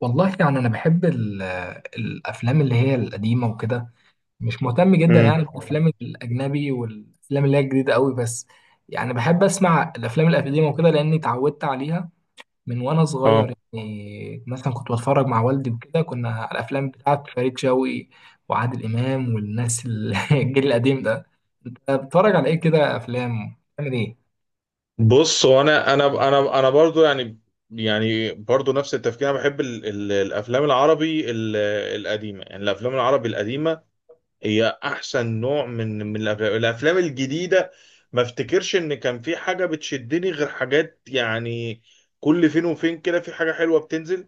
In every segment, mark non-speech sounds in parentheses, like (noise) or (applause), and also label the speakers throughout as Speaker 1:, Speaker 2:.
Speaker 1: والله يعني انا بحب الافلام اللي هي القديمه وكده. مش مهتم جدا
Speaker 2: امم
Speaker 1: يعني بالافلام الاجنبي والافلام اللي هي الجديده قوي. بس يعني بحب اسمع الافلام القديمه وكده لاني اتعودت عليها من وانا
Speaker 2: اه
Speaker 1: صغير. يعني مثلا كنت بتفرج مع والدي وكده، كنا على الافلام بتاعت فريد شوقي وعادل امام والناس (laughs) الجيل القديم ده. انت بتتفرج على ايه كده؟ افلام بتعمل ايه؟
Speaker 2: بص، وانا انا انا انا أنا برضو يعني برضو نفس التفكير. انا بحب ال الافلام العربي القديمه، يعني الافلام العربي القديمه هي احسن نوع من الافلام الجديده ما افتكرش ان كان في حاجه بتشدني، غير حاجات يعني كل فين وفين كده في حاجه حلوه بتنزل.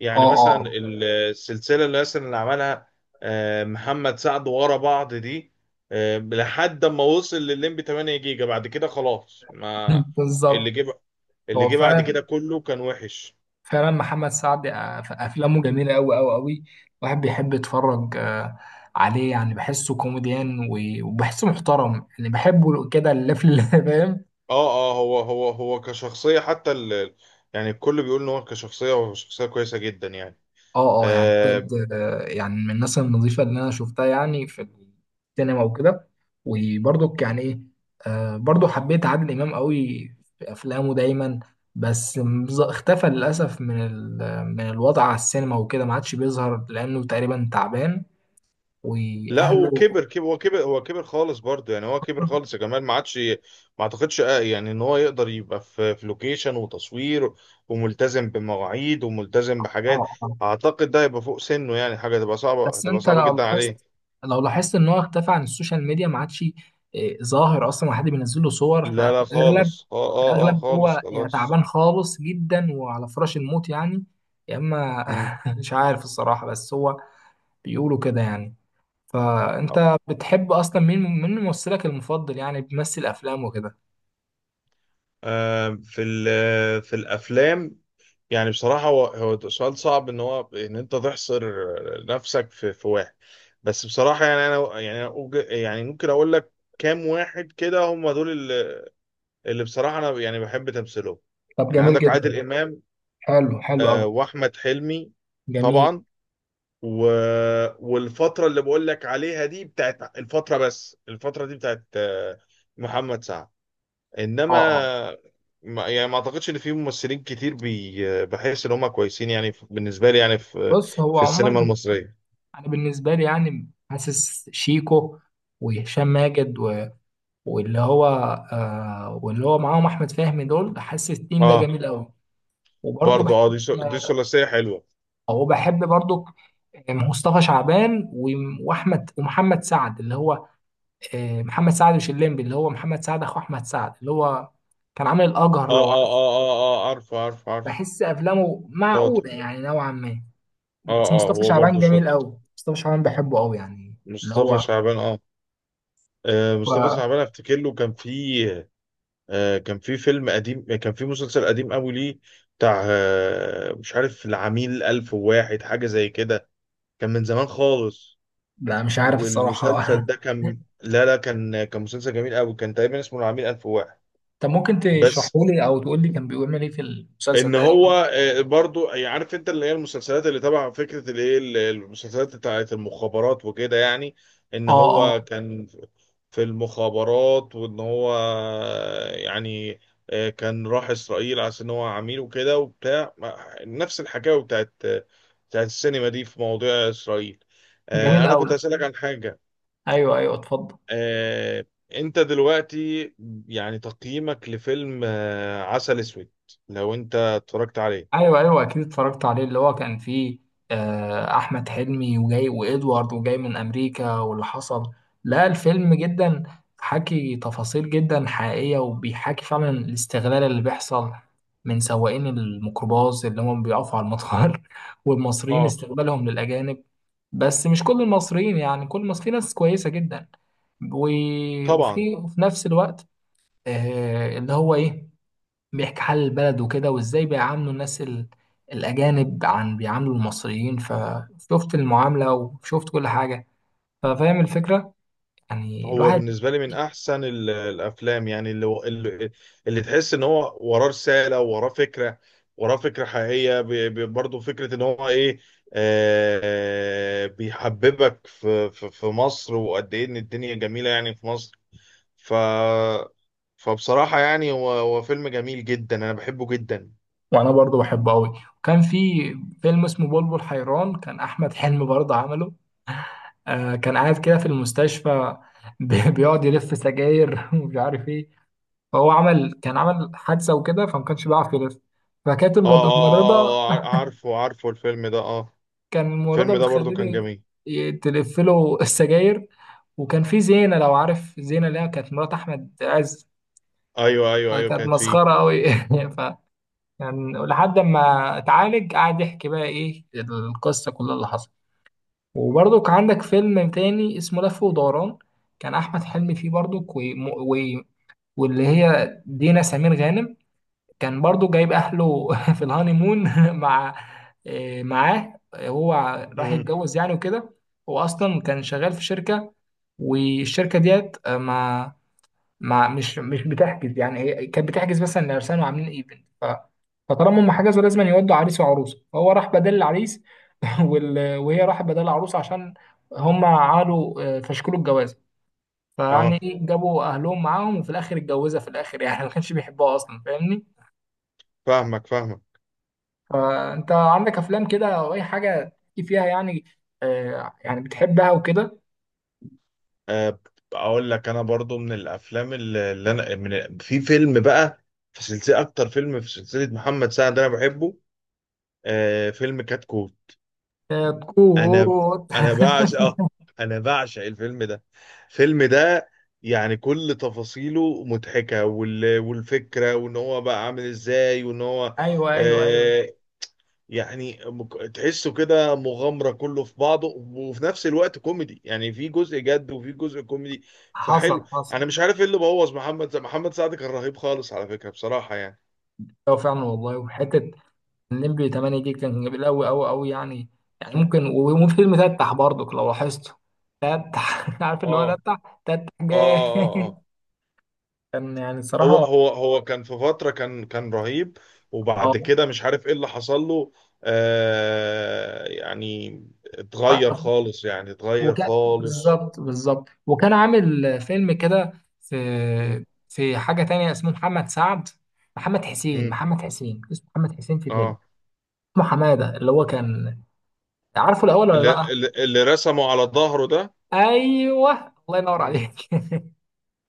Speaker 2: يعني
Speaker 1: اه،
Speaker 2: مثلا
Speaker 1: اه،
Speaker 2: السلسلة اللي مثلا اللي عملها محمد سعد ورا بعض دي، لحد ما وصل للليمبي 8 جيجا بعد كده خلاص. ما
Speaker 1: (laughs) بالظبط.
Speaker 2: اللي جه اللي
Speaker 1: هو
Speaker 2: جه بعد
Speaker 1: فعلا
Speaker 2: كده كله كان وحش.
Speaker 1: فعلا محمد سعد، افلامه جميله قوي قوي قوي. الواحد بيحب يتفرج عليه. يعني بحسه كوميديان وبحسه محترم، يعني بحبه كده اللفل اللي (laughs) فاهم.
Speaker 2: اه، اه، هو كشخصية حتى يعني الكل بيقول ان هو كشخصية، هو شخصية كويسة جدا، يعني
Speaker 1: اه، اه، يعني
Speaker 2: آه،
Speaker 1: بجد يعني من الناس النظيفه اللي انا شفتها يعني في السينما وكده. وبرضك يعني ايه، برضو حبيت عادل امام قوي في افلامه دايما. بس اختفى للاسف من من الوضع على السينما وكده، ما عادش بيظهر لانه تقريبا تعبان
Speaker 2: لا.
Speaker 1: واهله.
Speaker 2: وكبر، كبر، هو كبر، هو كبر خالص برضه، يعني هو كبر خالص يا جمال. ما عادش، ما اعتقدش يعني ان هو يقدر يبقى في لوكيشن وتصوير، وملتزم بمواعيد وملتزم
Speaker 1: اه،
Speaker 2: بحاجات.
Speaker 1: اه،
Speaker 2: اعتقد ده هيبقى فوق سنه، يعني حاجه هتبقى صعبه،
Speaker 1: بس
Speaker 2: هتبقى
Speaker 1: انت
Speaker 2: صعبه
Speaker 1: لو
Speaker 2: جدا
Speaker 1: لاحظت،
Speaker 2: عليه.
Speaker 1: لو لاحظت ان هو اختفى عن السوشيال ميديا، ما عادش ظاهر اصلا وحد بينزل له صور.
Speaker 2: لا،
Speaker 1: ففي
Speaker 2: لا،
Speaker 1: الاغلب
Speaker 2: خالص. اه،
Speaker 1: في
Speaker 2: اه، اه،
Speaker 1: الاغلب
Speaker 2: خالص،
Speaker 1: هو يعني
Speaker 2: خلاص.
Speaker 1: تعبان خالص جدا وعلى فراش الموت يعني، يا اما
Speaker 2: مم.
Speaker 1: (laughs) مش عارف الصراحه، بس هو بيقولوا كده يعني. فانت بتحب اصلا مين؟ ممثلك المفضل يعني بيمثل افلام وكده؟
Speaker 2: في في الافلام، يعني بصراحة هو سؤال صعب ان هو ان انت تحصر نفسك في واحد. بس بصراحة يعني انا يعني أنا أوج- يعني ممكن اقول لك كام واحد كده هم دول اللي بصراحة انا يعني بحب تمثيلهم.
Speaker 1: طب
Speaker 2: يعني
Speaker 1: جميل
Speaker 2: عندك
Speaker 1: جدا.
Speaker 2: عادل امام،
Speaker 1: حلو، حلو قوي.
Speaker 2: واحمد حلمي
Speaker 1: جميل.
Speaker 2: طبعا، و... والفترة اللي بقول لك عليها دي بتاعت الفترة، بس الفترة دي بتاعت محمد سعد.
Speaker 1: اه، اه،
Speaker 2: انما ما اعتقدش ان في ممثلين كتير بحس ان هم كويسين، يعني بالنسبه لي يعني في
Speaker 1: بص هو
Speaker 2: السينما
Speaker 1: عموما
Speaker 2: المصريه.
Speaker 1: انا بالنسبه لي يعني حاسس شيكو وهشام ماجد واللي هو، آه واللي هو معاهم احمد فهمي، دول حاسس التيم ده
Speaker 2: اه،
Speaker 1: جميل قوي. وبرضه
Speaker 2: برضو
Speaker 1: بحب،
Speaker 2: اه، دي
Speaker 1: آه،
Speaker 2: ثلاثيه حلوه.
Speaker 1: او بحب برضه مصطفى شعبان واحمد ومحمد سعد اللي هو، محمد سعد مش الليمبي، اللي هو محمد سعد اخو احمد سعد اللي هو كان عامل الاجهر،
Speaker 2: اه،
Speaker 1: لو
Speaker 2: اه،
Speaker 1: عارف.
Speaker 2: اه، اه، اه، عارف، عارف، عارف.
Speaker 1: بحس افلامه
Speaker 2: شاطر.
Speaker 1: معقوله يعني نوعا ما.
Speaker 2: اه،
Speaker 1: بس
Speaker 2: اه،
Speaker 1: مصطفى
Speaker 2: هو
Speaker 1: شعبان
Speaker 2: برضو
Speaker 1: جميل
Speaker 2: شاطر.
Speaker 1: قوي، مصطفى شعبان بحبه قوي يعني. اللي
Speaker 2: مصطفى
Speaker 1: هو
Speaker 2: شعبان، اه. مصطفى
Speaker 1: هو-
Speaker 2: شعبان افتكر له كان في كان في فيلم قديم، كان في مسلسل قديم قوي ليه، بتاع مش عارف، العميل ألف وواحد حاجة زي كده، كان من زمان خالص.
Speaker 1: لا مش عارف الصراحه.
Speaker 2: والمسلسل ده
Speaker 1: (laughs)
Speaker 2: كان، لا، لا، كان مسلسل جميل قوي، كان تقريبا اسمه العميل 1001.
Speaker 1: طب ممكن تشرحه
Speaker 2: بس
Speaker 1: لي او تقول لي كان بيعمل ايه في المسلسل
Speaker 2: ان
Speaker 1: ده؟
Speaker 2: هو برضو يعني عارف انت اللي هي المسلسلات اللي تبع فكره المسلسلات بتاعت المخابرات وكده، يعني ان
Speaker 1: اه، اه،
Speaker 2: هو كان في المخابرات، وان هو يعني كان راح اسرائيل عشان ان هو عميل وكده وبتاع. نفس الحكايه بتاعت السينما دي في مواضيع اسرائيل.
Speaker 1: جميل
Speaker 2: انا
Speaker 1: قوي.
Speaker 2: كنت هسألك عن حاجه.
Speaker 1: ايوه، ايوه، اتفضل.
Speaker 2: آه، انت دلوقتي يعني تقييمك لفيلم عسل اسود لو انت اتفرجت عليه؟
Speaker 1: ايوه، ايوه، اكيد اتفرجت عليه. اللي هو كان فيه احمد حلمي، وجاي وادوارد وجاي من امريكا واللي حصل. لا الفيلم جدا حكي تفاصيل جدا حقيقيه، وبيحكي فعلا الاستغلال اللي بيحصل من سواقين الميكروباص اللي هم بيقفوا على المطار، (laughs) والمصريين
Speaker 2: اه،
Speaker 1: استغلالهم للاجانب. بس مش كل المصريين يعني، كل المصريين في ناس كويسه جدا.
Speaker 2: طبعا.
Speaker 1: وفي وفي نفس الوقت، اللي هو ايه، بيحكي حال البلد وكده، وازاي بيعاملوا الناس الاجانب عن بيعاملوا المصريين. فشفت المعامله وشفت كل حاجه، ففاهم الفكره يعني
Speaker 2: هو
Speaker 1: الواحد.
Speaker 2: بالنسبه لي من احسن الافلام، يعني اللي تحس ان هو وراه رساله، وراه فكره، وراه فكره حقيقيه. برضه فكره ان هو ايه، بيحببك في مصر، وقد ايه ان الدنيا جميله يعني في مصر. ف فبصراحه يعني هو فيلم جميل جدا، انا بحبه جدا.
Speaker 1: وانا برضو بحبه قوي. وكان في فيلم اسمه بلبل حيران، كان احمد حلمي برضه عمله. آه كان قاعد كده في المستشفى، (laughs) بيقعد يلف سجاير (laughs) ومش عارف ايه. فهو عمل، كان عمل حادثه وكده، فما كانش بيعرف يلف، فكانت
Speaker 2: اه،
Speaker 1: الممرضه،
Speaker 2: اه، اه، عارفه، عارفه الفيلم ده، اه.
Speaker 1: كان الممرضة
Speaker 2: الفيلم ده برضو كان
Speaker 1: بتخليني
Speaker 2: جميل.
Speaker 1: تلف له السجاير. وكان في زينة، لو عارف زينة اللي هي كانت مرات أحمد عز،
Speaker 2: ايوه، ايوه، ايوه،
Speaker 1: كانت
Speaker 2: كانت فيه.
Speaker 1: مسخرة أوي. (laughs) ف يعني لحد ما اتعالج قعد يحكي بقى إيه القصة كلها اللي حصلت. وبرضه كان عندك فيلم تاني اسمه لف ودوران، كان أحمد حلمي فيه برضه واللي هي دينا سمير غانم. كان برضو جايب اهله (laughs) في الهانيمون (laughs) مع معاه. هو راح
Speaker 2: امم
Speaker 1: يتجوز يعني وكده. هو اصلا كان شغال في شركه، والشركه ديت آه، ما ما مش مش بتحجز يعني، هي كانت بتحجز مثلا لعرسان وعاملين ايفنت. فطالما هم حجزوا لازم يودوا عريس وعروسه، فهو راح بدل العريس (laughs) وهي راحت بدل العروسه عشان هم عملوا فشكلوا الجواز. فيعني
Speaker 2: اه،
Speaker 1: جابوا اهلهم معاهم وفي الاخر اتجوزها في الاخر يعني، (laughs) ما كانش بيحبها اصلا، فاهمني؟
Speaker 2: فاهمك، فاهمك.
Speaker 1: فانت عندك افلام كده او اي حاجه تحكي فيها يعني آه يعني بتحبها وكده؟
Speaker 2: آه اقول لك انا برضو من الافلام اللي انا في فيلم بقى، في سلسله، اكتر فيلم في سلسله محمد سعد انا بحبه، فيلم كتكوت.
Speaker 1: آه،
Speaker 2: انا
Speaker 1: كوت.
Speaker 2: انا بعشق. اه انا بعشق الفيلم ده. الفيلم ده يعني كل تفاصيله مضحكه، والفكره، وان هو بقى عامل ازاي، وان هو
Speaker 1: (laughs) ايوه، ايوه، ايوه.
Speaker 2: آه، يعني تحسه كده مغامرة كله في بعضه، وفي نفس الوقت كوميدي، يعني في جزء جد وفي جزء كوميدي.
Speaker 1: حصل،
Speaker 2: فحلو.
Speaker 1: حصل.
Speaker 2: انا مش عارف ايه اللي بوظ محمد سعد. محمد سعد كان رهيب خالص على فكرة، بصراحة يعني.
Speaker 1: ايوه فعلا والله. وحته النمبي 8 دي كان جميل قوي قوي قوي يعني. يعني ممكن، وفي فيلم تتح برضك لو لاحظته، تتح (laughs) عارف اللي هو
Speaker 2: اه،
Speaker 1: تتح، تتح
Speaker 2: اه،
Speaker 1: جاي.
Speaker 2: اه، اه، اه.
Speaker 1: (laughs) كان يعني
Speaker 2: هو
Speaker 1: الصراحه
Speaker 2: هو هو كان في فترة كان رهيب،
Speaker 1: اه.
Speaker 2: وبعد كده مش عارف ايه اللي حصل له. يعني اتغير خالص، يعني اتغير
Speaker 1: وكان
Speaker 2: خالص.
Speaker 1: بالظبط، بالظبط، وكان عامل فيلم كده في،
Speaker 2: مم.
Speaker 1: في حاجة تانية اسمه محمد سعد، محمد حسين،
Speaker 2: مم.
Speaker 1: محمد حسين اسمه محمد حسين، في فيلم
Speaker 2: اه،
Speaker 1: اسمه حمادة اللي هو كان، عارفه الأول ولا
Speaker 2: اللي,
Speaker 1: لأ؟
Speaker 2: اللي اللي رسمه على ظهره ده.
Speaker 1: أيوه، الله ينور
Speaker 2: مم.
Speaker 1: عليك.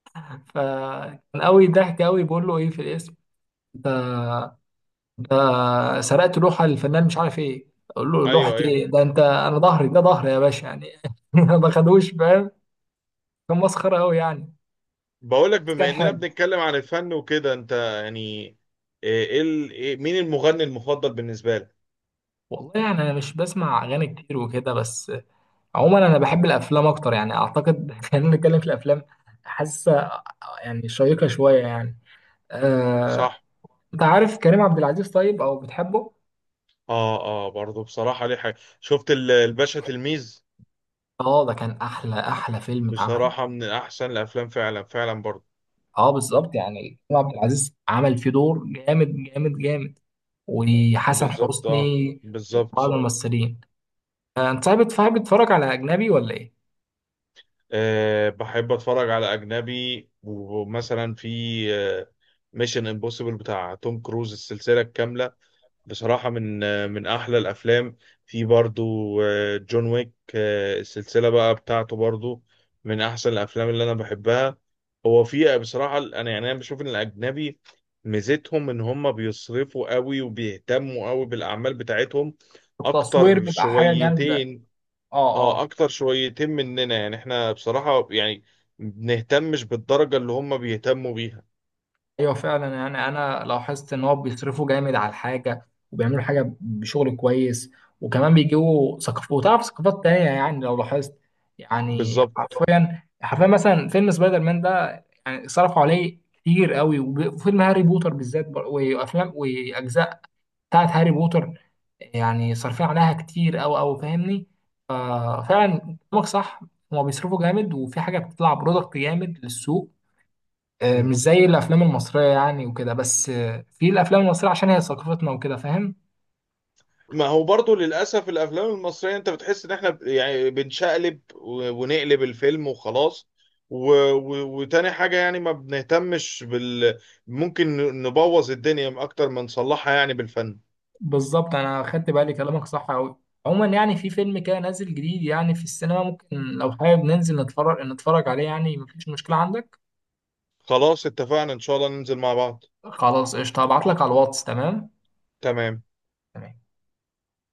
Speaker 1: (laughs) فكان قوي، ضحك قوي، بيقول له إيه في الاسم ده؟ ده سرقت لوحة للفنان مش عارف إيه. أقول له لوحة
Speaker 2: ايوه، ايوه.
Speaker 1: إيه ده؟ أنت، أنا ظهري ده، ظهري يا باشا يعني. (laughs) ما خدوش فاهم، كان مسخرة قوي يعني.
Speaker 2: بقولك،
Speaker 1: بس كان
Speaker 2: بما اننا
Speaker 1: حلو.
Speaker 2: بنتكلم عن الفن وكده، انت يعني إيه مين المغني المفضل بالنسبه لك؟
Speaker 1: والله يعني انا مش بسمع اغاني كتير وكده، بس عموما انا بحب الافلام اكتر يعني، اعتقد (laughs) خلينا نتكلم في الافلام، حاسه يعني شيقه شويه يعني. آه،
Speaker 2: صح.
Speaker 1: انت عارف كريم عبد العزيز؟ طيب او بتحبه؟
Speaker 2: اه، اه، برضه بصراحه ليه حاجه، شفت الباشا تلميذ،
Speaker 1: اه ده كان احلى، احلى فيلم اتعمل.
Speaker 2: بصراحه من احسن الافلام، فعلا، فعلا برضه.
Speaker 1: اه بالظبط يعني، كريم عبد العزيز عمل فيه دور جامد جامد جامد، وحسن
Speaker 2: بالظبط. اه،
Speaker 1: حسني، بعض
Speaker 2: بالظبط.
Speaker 1: الممثلين. انت صاحب بتتفرج على اجنبي ولا ايه؟
Speaker 2: بحب اتفرج على اجنبي، ومثلا في ميشن امبوسيبل بتاع توم كروز السلسله الكامله، بصراحة من أحلى الأفلام. في برضو جون ويك، السلسلة بقى بتاعته برضو، من أحسن الأفلام اللي أنا بحبها. هو في بصراحة، أنا بشوف إن الأجنبي ميزتهم إن هم بيصرفوا قوي، وبيهتموا قوي بالأعمال بتاعتهم
Speaker 1: التصوير
Speaker 2: أكتر
Speaker 1: بيبقى حاجه جامده.
Speaker 2: شويتين.
Speaker 1: اه، اه،
Speaker 2: أكتر شويتين مننا، يعني إحنا بصراحة يعني بنهتمش بالدرجة اللي هم بيهتموا بيها.
Speaker 1: ايوه فعلا. يعني انا لاحظت ان هو بيصرفوا جامد على الحاجه وبيعملوا حاجه بشغل كويس، وكمان بيجيبوا ثقافات وتعرف ثقافات تانية يعني، لو لاحظت، يعني
Speaker 2: بالظبط.
Speaker 1: حرفيا حرفيا، مثلا فيلم سبايدر مان ده يعني صرفوا عليه كتير قوي، وفيلم هاري بوتر بالذات، وافلام واجزاء بتاعت هاري بوتر يعني صارفين عليها كتير قوي قوي، فاهمني؟ ففعلا كلامك صح، هما بيصرفوا جامد وفي حاجه بتطلع برودكت جامد للسوق. مش زي الافلام المصريه يعني وكده، بس في الافلام المصريه عشان هي ثقافتنا وكده، فاهم؟
Speaker 2: ما هو برضو للأسف الأفلام المصرية أنت بتحس إن إحنا يعني بنشقلب ونقلب الفيلم وخلاص، وتاني حاجة يعني ما بنهتمش ممكن نبوظ الدنيا أكتر ما نصلحها يعني بالفن.
Speaker 1: بالظبط انا خدت بالي، كلامك صح قوي. عموما يعني في فيلم كده نازل جديد يعني في السينما، ممكن لو حابب ننزل نتفرج، نتفرج عليه يعني؟ مفيش مشكله عندك.
Speaker 2: خلاص، اتفقنا إن شاء الله ننزل مع بعض.
Speaker 1: خلاص قشطه، هبعت لك على الواتس. تمام؟
Speaker 2: تمام.
Speaker 1: تمام.